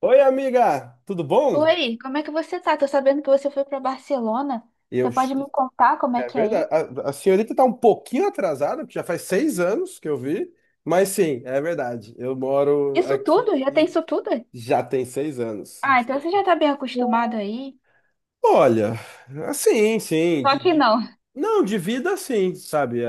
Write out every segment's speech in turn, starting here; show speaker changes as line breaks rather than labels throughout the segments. Oi, amiga, tudo bom?
Oi, como é que você tá? Tô sabendo que você foi pra Barcelona.
Eu,
Você pode me contar como é
é
que é aí?
verdade. A senhorita tá um pouquinho atrasada, porque já faz 6 anos que eu vi, mas sim, é verdade. Eu moro
Isso
aqui
tudo? Já tem
e
isso tudo?
já tem 6 anos.
Ah, então você já tá bem acostumado aí.
Olha, assim, sim,
Só que não.
não, de vida sim, sabe? É,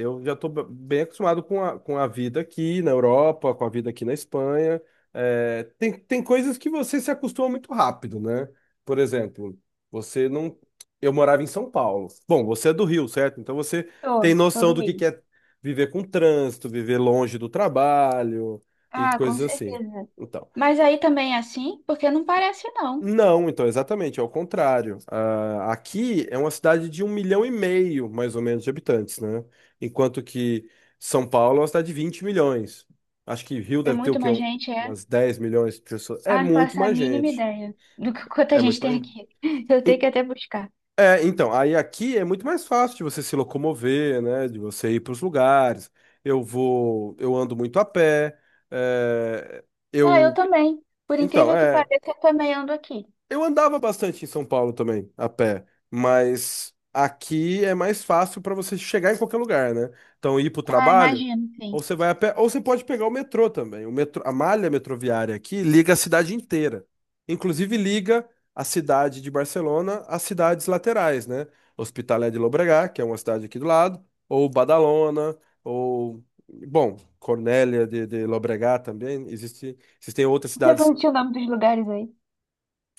eu já estou bem acostumado com a vida aqui na Europa, com a vida aqui na Espanha. É, tem coisas que você se acostuma muito rápido, né? Por exemplo, você não. Eu morava em São Paulo. Bom, você é do Rio, certo? Então você tem
Tô
noção do que
doente.
é viver com trânsito, viver longe do trabalho e
Ah, com
coisas assim.
certeza.
Então.
Mas aí também é assim? Porque não parece não.
Não, então, exatamente, é o contrário. Ah, aqui é uma cidade de 1,5 milhão, mais ou menos, de habitantes, né? Enquanto que São Paulo é uma cidade de 20 milhões. Acho que Rio
Tem
deve ter o
muito
quê?
mais gente, é?
Umas 10 milhões de pessoas. É
Ah, não
muito
faço a
mais
mínima
gente.
ideia do que quanta
É muito
gente tem
mais.
aqui. Eu tenho
E-
que até buscar.
É, então, aí aqui é muito mais fácil de você se locomover, né? De você ir para os lugares. Eu vou, eu ando muito a pé. É,
Ah, eu
eu,
também. Por
então,
incrível que
é.
pareça, eu também ando aqui.
Eu andava bastante em São Paulo também, a pé, mas aqui é mais fácil para você chegar em qualquer lugar, né? Então, ir para o
Ah,
trabalho,
imagino, sim.
ou você vai a pé, ou você pode pegar o metrô também. O metrô, a malha metroviária aqui liga a cidade inteira. Inclusive, liga a cidade de Barcelona às cidades laterais, né? Hospitalet de Llobregat, que é uma cidade aqui do lado, ou Badalona, ou, bom, Cornellà de Llobregat também. Existe, existem outras
Você
cidades.
falou o nome dos lugares aí.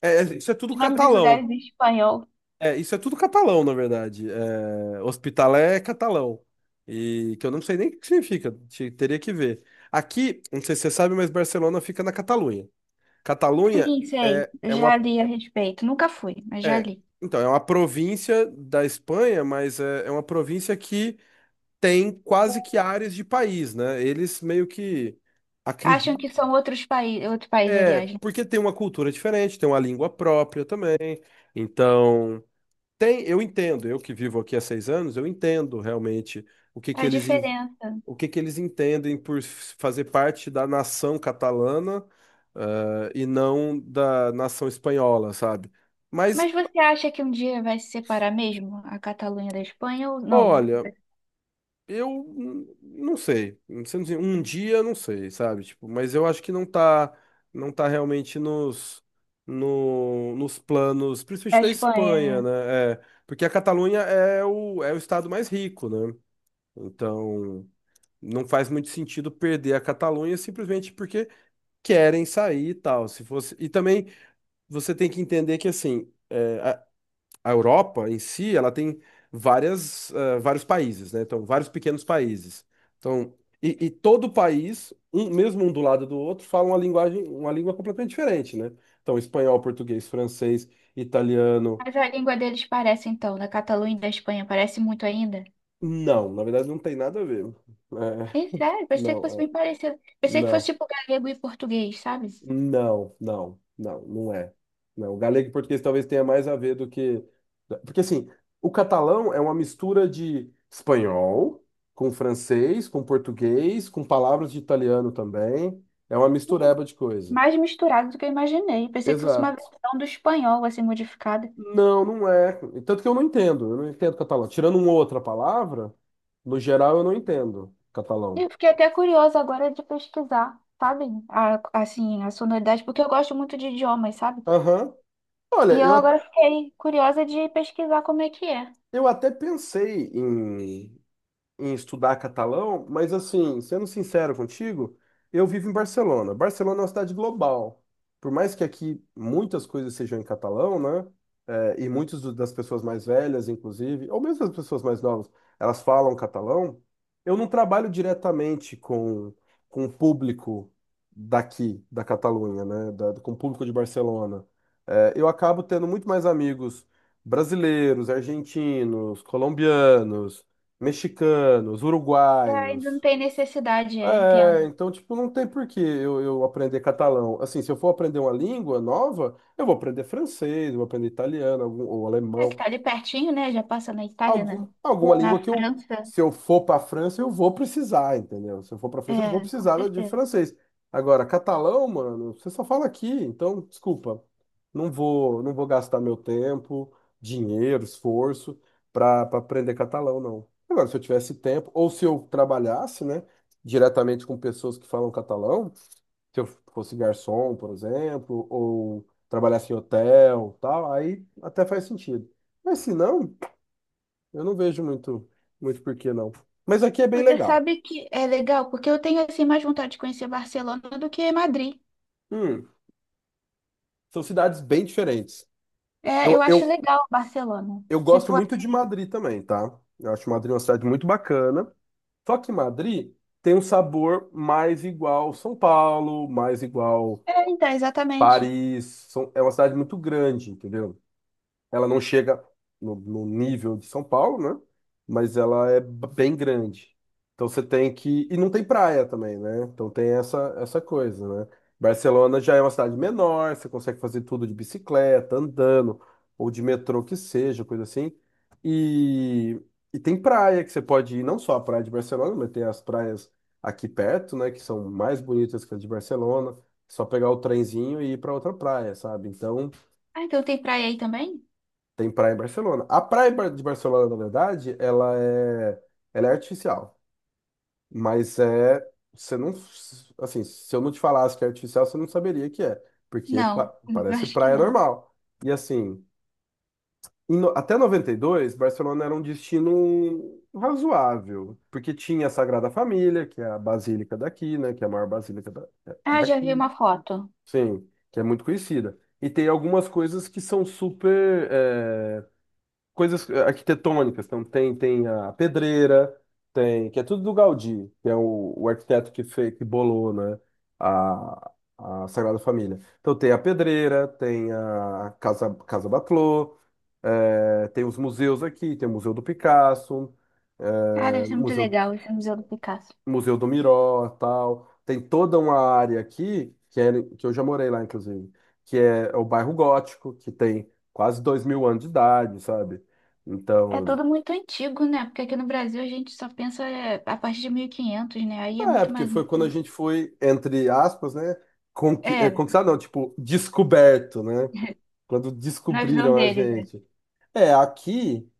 É, é, isso é tudo
Os nomes dos
catalão.
lugares em espanhol.
É, isso é tudo catalão, na verdade. É, Hospitalet é catalão. E que eu não sei nem o que significa, teria que ver. Aqui, não sei se você sabe, mas Barcelona fica na Catalunha. Catalunha
Sim, sei.
é,
Eu
é uma.
já li a respeito. Nunca fui, mas já
É,
li.
então, é uma província da Espanha, mas é, é uma província que tem quase que áreas de país, né? Eles meio que
Acham
acreditam.
que são outros países, outro país,
É,
aliás, né?
porque tem uma cultura diferente, tem uma língua própria também. Então. Tem, eu entendo, eu que vivo aqui há 6 anos, eu entendo realmente o que que
A
eles, en-
diferença.
o que que eles entendem por fazer parte da nação catalana, e não da nação espanhola, sabe? Mas,
Mas você acha que um dia vai se separar mesmo a Catalunha da Espanha ou não?
olha, eu não sei, não sei dizer, um dia não sei, sabe? Tipo, mas eu acho que não tá realmente nos, no, nos planos,
A
principalmente da
Espanha,
Espanha,
né?
né? É, porque a Catalunha é o, é o estado mais rico, né? Então, não faz muito sentido perder a Catalunha simplesmente porque querem sair e tal. Se fosse... E também você tem que entender que assim, é, a Europa em si, ela tem vários países, né? Então, vários pequenos países. Então, e todo país, um, mesmo um do lado do outro, fala uma linguagem, uma língua completamente diferente, né? Então, espanhol, português, francês, italiano.
Mas a língua deles parece, então, da Catalunha e da Espanha, parece muito ainda.
Não, na verdade não tem nada a ver.
Sim,
É,
sério, pensei que fosse
não, é,
bem parecido. Pensei que fosse
não.
tipo galego e português, sabe?
Não, não, não, não é. Não, o galego e português talvez tenha mais a ver do que. Né, porque assim, o catalão é uma mistura de espanhol com francês, com português, com palavras de italiano também. É uma
Sim,
mistureba de coisa.
mais misturado do que eu imaginei. Pensei que fosse uma
Exato.
versão do espanhol, assim, modificada.
Não, não é. Tanto que eu não entendo. Eu não entendo catalão. Tirando uma outra palavra, no geral eu não entendo catalão.
Eu fiquei até curiosa agora de pesquisar, sabe? Assim, a sonoridade, porque eu gosto muito de idiomas, sabe?
Aham. Olha,
E eu agora
eu,
fiquei curiosa de pesquisar como é que é.
eu até pensei em estudar catalão, mas assim, sendo sincero contigo, eu vivo em Barcelona. Barcelona é uma cidade global. Por mais que aqui muitas coisas sejam em catalão, né? É, e muitas das pessoas mais velhas, inclusive, ou mesmo as pessoas mais novas, elas falam catalão. Eu não trabalho diretamente com o público daqui, da Catalunha, né? Com o público de Barcelona. É, eu acabo tendo muito mais amigos brasileiros, argentinos, colombianos, mexicanos,
É, ainda não
uruguaios.
tem necessidade, é,
É,
entendo.
então, tipo, não tem por que eu aprender catalão. Assim, se eu for aprender uma língua nova, eu vou aprender francês, eu vou aprender italiano, algum, ou
É que
alemão,
tá ali pertinho, né? Já passa na Itália,
algum,
né?
alguma
Na
língua que eu,
França.
se eu for para a França, eu vou precisar, entendeu? Se eu for para a França, eu vou
É, com
precisar de
certeza.
francês. Agora, catalão, mano, você só fala aqui, então, desculpa. Não vou, não vou gastar meu tempo, dinheiro, esforço para aprender catalão, não. Agora, se eu tivesse tempo, ou se eu trabalhasse, né, diretamente com pessoas que falam catalão, se eu fosse garçom, por exemplo, ou trabalhasse em hotel, tal, aí até faz sentido. Mas se não, eu não vejo muito, muito porquê, não. Mas aqui é bem
Você
legal.
sabe que é legal, porque eu tenho, assim, mais vontade de conhecer Barcelona do que Madrid.
Hum, são cidades bem diferentes.
É, eu
Eu,
acho
eu,
legal Barcelona.
eu
Se
gosto muito de
fosse...
Madrid também, tá? Eu acho Madrid uma cidade muito bacana. Só que Madrid tem um sabor mais igual São Paulo, mais igual
É, então, exatamente.
Paris. É uma cidade muito grande, entendeu? Ela não chega no, no nível de São Paulo, né? Mas ela é bem grande. Então você tem que. E não tem praia também, né? Então tem essa, essa coisa, né? Barcelona já é uma cidade menor, você consegue fazer tudo de bicicleta, andando, ou de metrô que seja, coisa assim. E, e tem praia que você pode ir, não só a praia de Barcelona, mas tem as praias aqui perto, né? Que são mais bonitas que as de Barcelona. É só pegar o trenzinho e ir para outra praia, sabe? Então.
Ah, então tem praia aí também?
Tem praia em Barcelona. A praia em de Barcelona, na verdade, ela é artificial. Mas é. Você não. Assim, se eu não te falasse que é artificial, você não saberia que é. Porque
Não, eu
parece
acho que
praia
não.
normal. E assim, até 92 Barcelona era um destino razoável. Porque tinha a Sagrada Família, que é a basílica daqui, né? Que é a maior basílica
Ah, já vi
daqui.
uma foto.
Sim, que é muito conhecida. E tem algumas coisas que são super. Coisas arquitetônicas. Então tem, tem a pedreira, tem, que é tudo do Gaudí, que é o arquiteto que fez, que bolou, né, a, a Sagrada Família. Então tem a pedreira, tem a Casa Batlló, tem os museus aqui, tem o Museu do Picasso,
Ah, deve
eh,
ser muito
Museu
legal esse Museu do Picasso.
Museu do Miró, tal. Tem toda uma área aqui, que, é, que eu já morei lá, inclusive, que é o bairro Gótico, que tem quase 2 mil anos de idade, sabe?
É
Então,
tudo muito antigo, né? Porque aqui no Brasil a gente só pensa é, a partir de 1500, né? Aí é
é,
muito
porque
mais
foi quando a
antigo.
gente foi, entre aspas, né? Conqui é,
É,
conquistado, não, tipo, descoberto, né? Quando
na visão
descobriram a
deles, é.
gente. É, aqui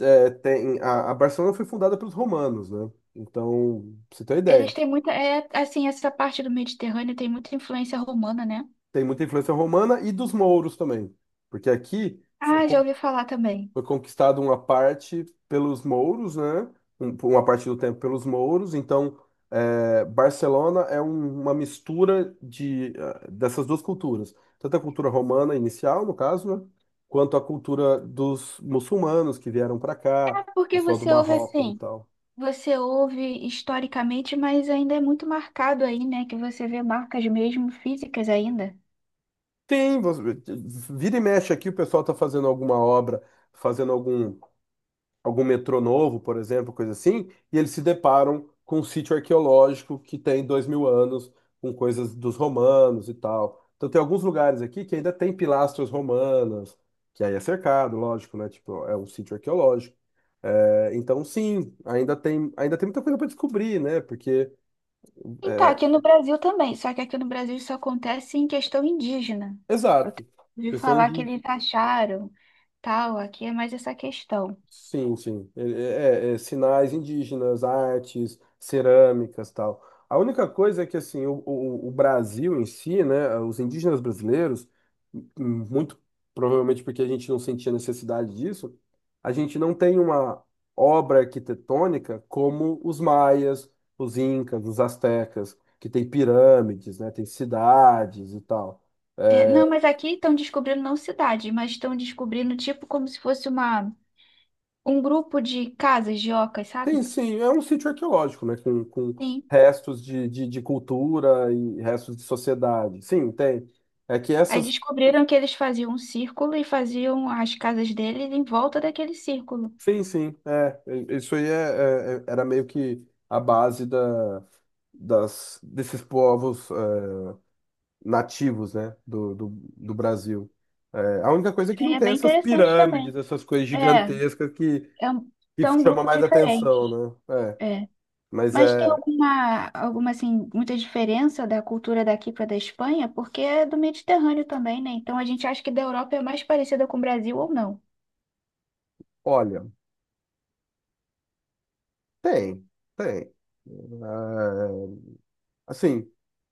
é, tem. A Barcelona foi fundada pelos romanos, né? Então, pra você ter uma
Eles
ideia,
têm muita. É, assim, essa parte do Mediterrâneo tem muita influência romana, né?
tem muita influência romana e dos mouros também. Porque aqui foi.
Ah, já ouvi falar também.
Foi conquistado uma parte pelos mouros, né? por uma parte do tempo pelos mouros. Então, é, Barcelona é uma mistura de, dessas duas culturas, tanto a cultura romana inicial, no caso, né? Quanto a cultura dos muçulmanos que vieram para
Ah,
cá,
porque
pessoal do
você ouve
Marrocos e
assim?
tal.
Você ouve historicamente, mas ainda é muito marcado aí, né? Que você vê marcas mesmo físicas ainda.
Tem, vira e mexe aqui, o pessoal está fazendo alguma obra, fazendo algum metrô novo, por exemplo, coisa assim, e eles se deparam com um sítio arqueológico que tem 2 mil anos, com coisas dos romanos e tal. Então tem alguns lugares aqui que ainda tem pilastras romanas, que aí é cercado, lógico, né? Tipo, é um sítio arqueológico. É, então sim, ainda tem muita coisa para descobrir, né? Porque,
Então,
é,
aqui no Brasil também, só que aqui no Brasil isso acontece em questão indígena. Eu te-
exato,
ouvi
questão
falar que
de.
eles acharam, tal, aqui é mais essa questão.
Sim, sim. É, sinais indígenas, artes, cerâmicas, tal. A única coisa é que assim, o Brasil em si, né, os indígenas brasileiros, m- muito provavelmente porque a gente não sentia necessidade disso, a gente não tem uma obra arquitetônica como os maias, os incas, os astecas, que tem pirâmides, né, tem cidades e tal.
É,
É,
não, mas aqui estão descobrindo não cidade, mas estão descobrindo tipo como se fosse uma, um grupo de casas de ocas,
sim,
sabe?
sim, é um sítio arqueológico, né? Com
Sim.
restos de cultura e restos de sociedade. Sim, tem. É que
Aí
essas.
descobriram que eles faziam um círculo e faziam as casas deles em volta daquele círculo.
Sim, sim, é. É, isso aí é, era meio que a base da, desses povos é, nativos, né? Do Brasil. É, a única coisa é que
Aí
não
é
tem
bem
essas
interessante também.
pirâmides, essas coisas
É,
gigantescas
é um,
que
são um
chama
grupo
mais
diferente.
atenção, né? É. Mas
Mas tem
é.
alguma, alguma assim, muita diferença da cultura daqui para da Espanha? Porque é do Mediterrâneo também, né? Então a gente acha que da Europa é mais parecida com o Brasil ou não?
Olha, tem, tem. É, assim.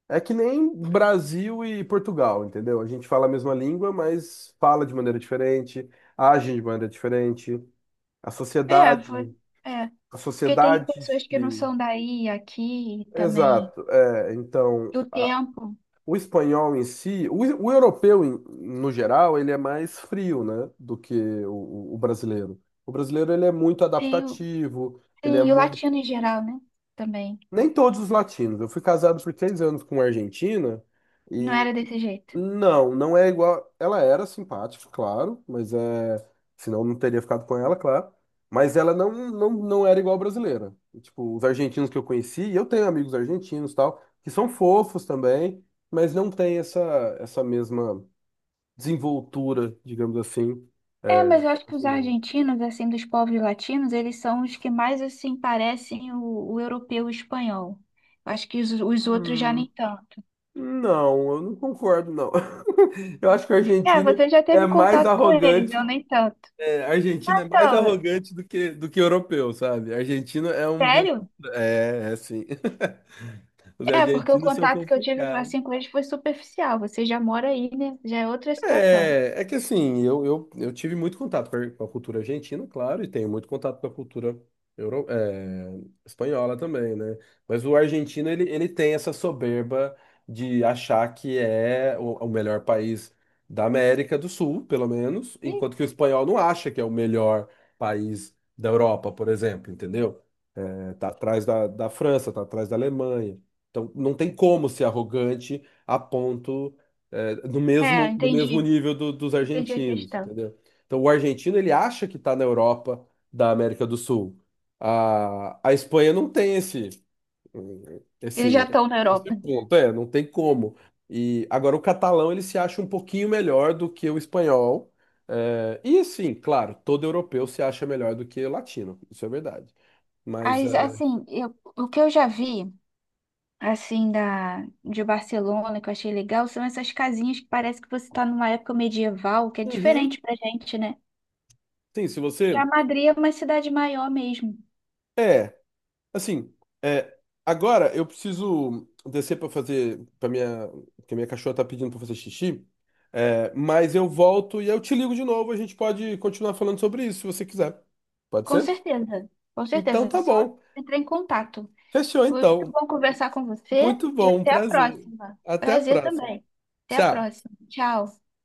É que nem Brasil e Portugal, entendeu? A gente fala a mesma língua, mas fala de maneira diferente, age de maneira diferente. A
É, foi-
sociedade,
É,
a
porque tem
sociedade
pessoas que não
se...
são daí, aqui e também,
Exato. É, então,
do tempo,
o espanhol em si, o europeu no geral, ele é mais frio, né, do que o, brasileiro. O brasileiro ele é muito
sim o,
adaptativo, ele é
tem o
muito.
latino em geral, né? Também,
Nem todos os latinos. Eu fui casado por 3 anos com uma argentina.
não era desse jeito.
Não, não é igual. Ela era simpática, claro, mas é. Senão eu não teria ficado com ela, claro. Mas ela não, não, não era igual brasileira. Tipo, os argentinos que eu conheci, e eu tenho amigos argentinos e tal, que são fofos também, mas não tem essa, essa mesma desenvoltura, digamos assim,
É, mas
é,
eu acho que os
brasileira.
argentinos, assim, dos povos latinos, eles são os que mais, assim, parecem o europeu e o espanhol. Eu acho que os outros já nem
Hum,
tanto.
Não, eu não concordo, não. Eu acho que o
É,
argentino
você já
é
teve
mais
contato com eles, eu
arrogante.
nem tanto.
É, argentino é mais
Então,
arrogante do que europeu, sabe? Argentino é um bicho.
sério?
É, é assim. Os
É, porque o
argentinos são
contato que eu tive
complicados.
assim com eles foi superficial. Você já mora aí, né? Já é outra situação.
É, é que assim, eu tive muito contato com a cultura argentina, claro, e tenho muito contato com a cultura euro, é, espanhola também, né? Mas o argentino, ele tem essa soberba de achar que é o melhor país da América do Sul, pelo menos,
Ih,
enquanto que o espanhol não acha que é o melhor país da Europa, por exemplo, entendeu? Tá atrás da França, tá atrás da Alemanha. Então, não tem como ser arrogante a ponto, é, do
é,
mesmo, do mesmo
entendi.
nível dos
Entendi a
argentinos,
questão.
entendeu? Então, o argentino, ele acha que está na Europa da América do Sul. A Espanha não tem esse,
Eles já
esse,
estão na
esse
Europa.
ponto, é, não tem como. E agora o catalão, ele se acha um pouquinho melhor do que o espanhol. É, e sim, claro, todo europeu se acha melhor do que o latino, isso é verdade. Mas
Mas, assim, o que eu já vi, assim, da, de Barcelona, que eu achei legal, são essas casinhas que parece que você está numa época medieval, que é
uhum.
diferente pra gente, né?
Sim, se
Já
você.
Madrid é uma cidade maior mesmo.
É, assim, é, agora eu preciso descer pra fazer. Pra minha, porque minha cachorra tá pedindo pra fazer xixi. É, mas eu volto e eu te ligo de novo. A gente pode continuar falando sobre isso se você quiser. Pode
Com
ser?
certeza. Com
Então
certeza. Eu
tá
só
bom.
entrar em contato.
Fechou
Foi muito
então.
bom conversar com você
Muito
e
bom, um
até a
prazer.
próxima.
Até a
Prazer
próxima.
também. Até a
Tchau.
próxima. Tchau.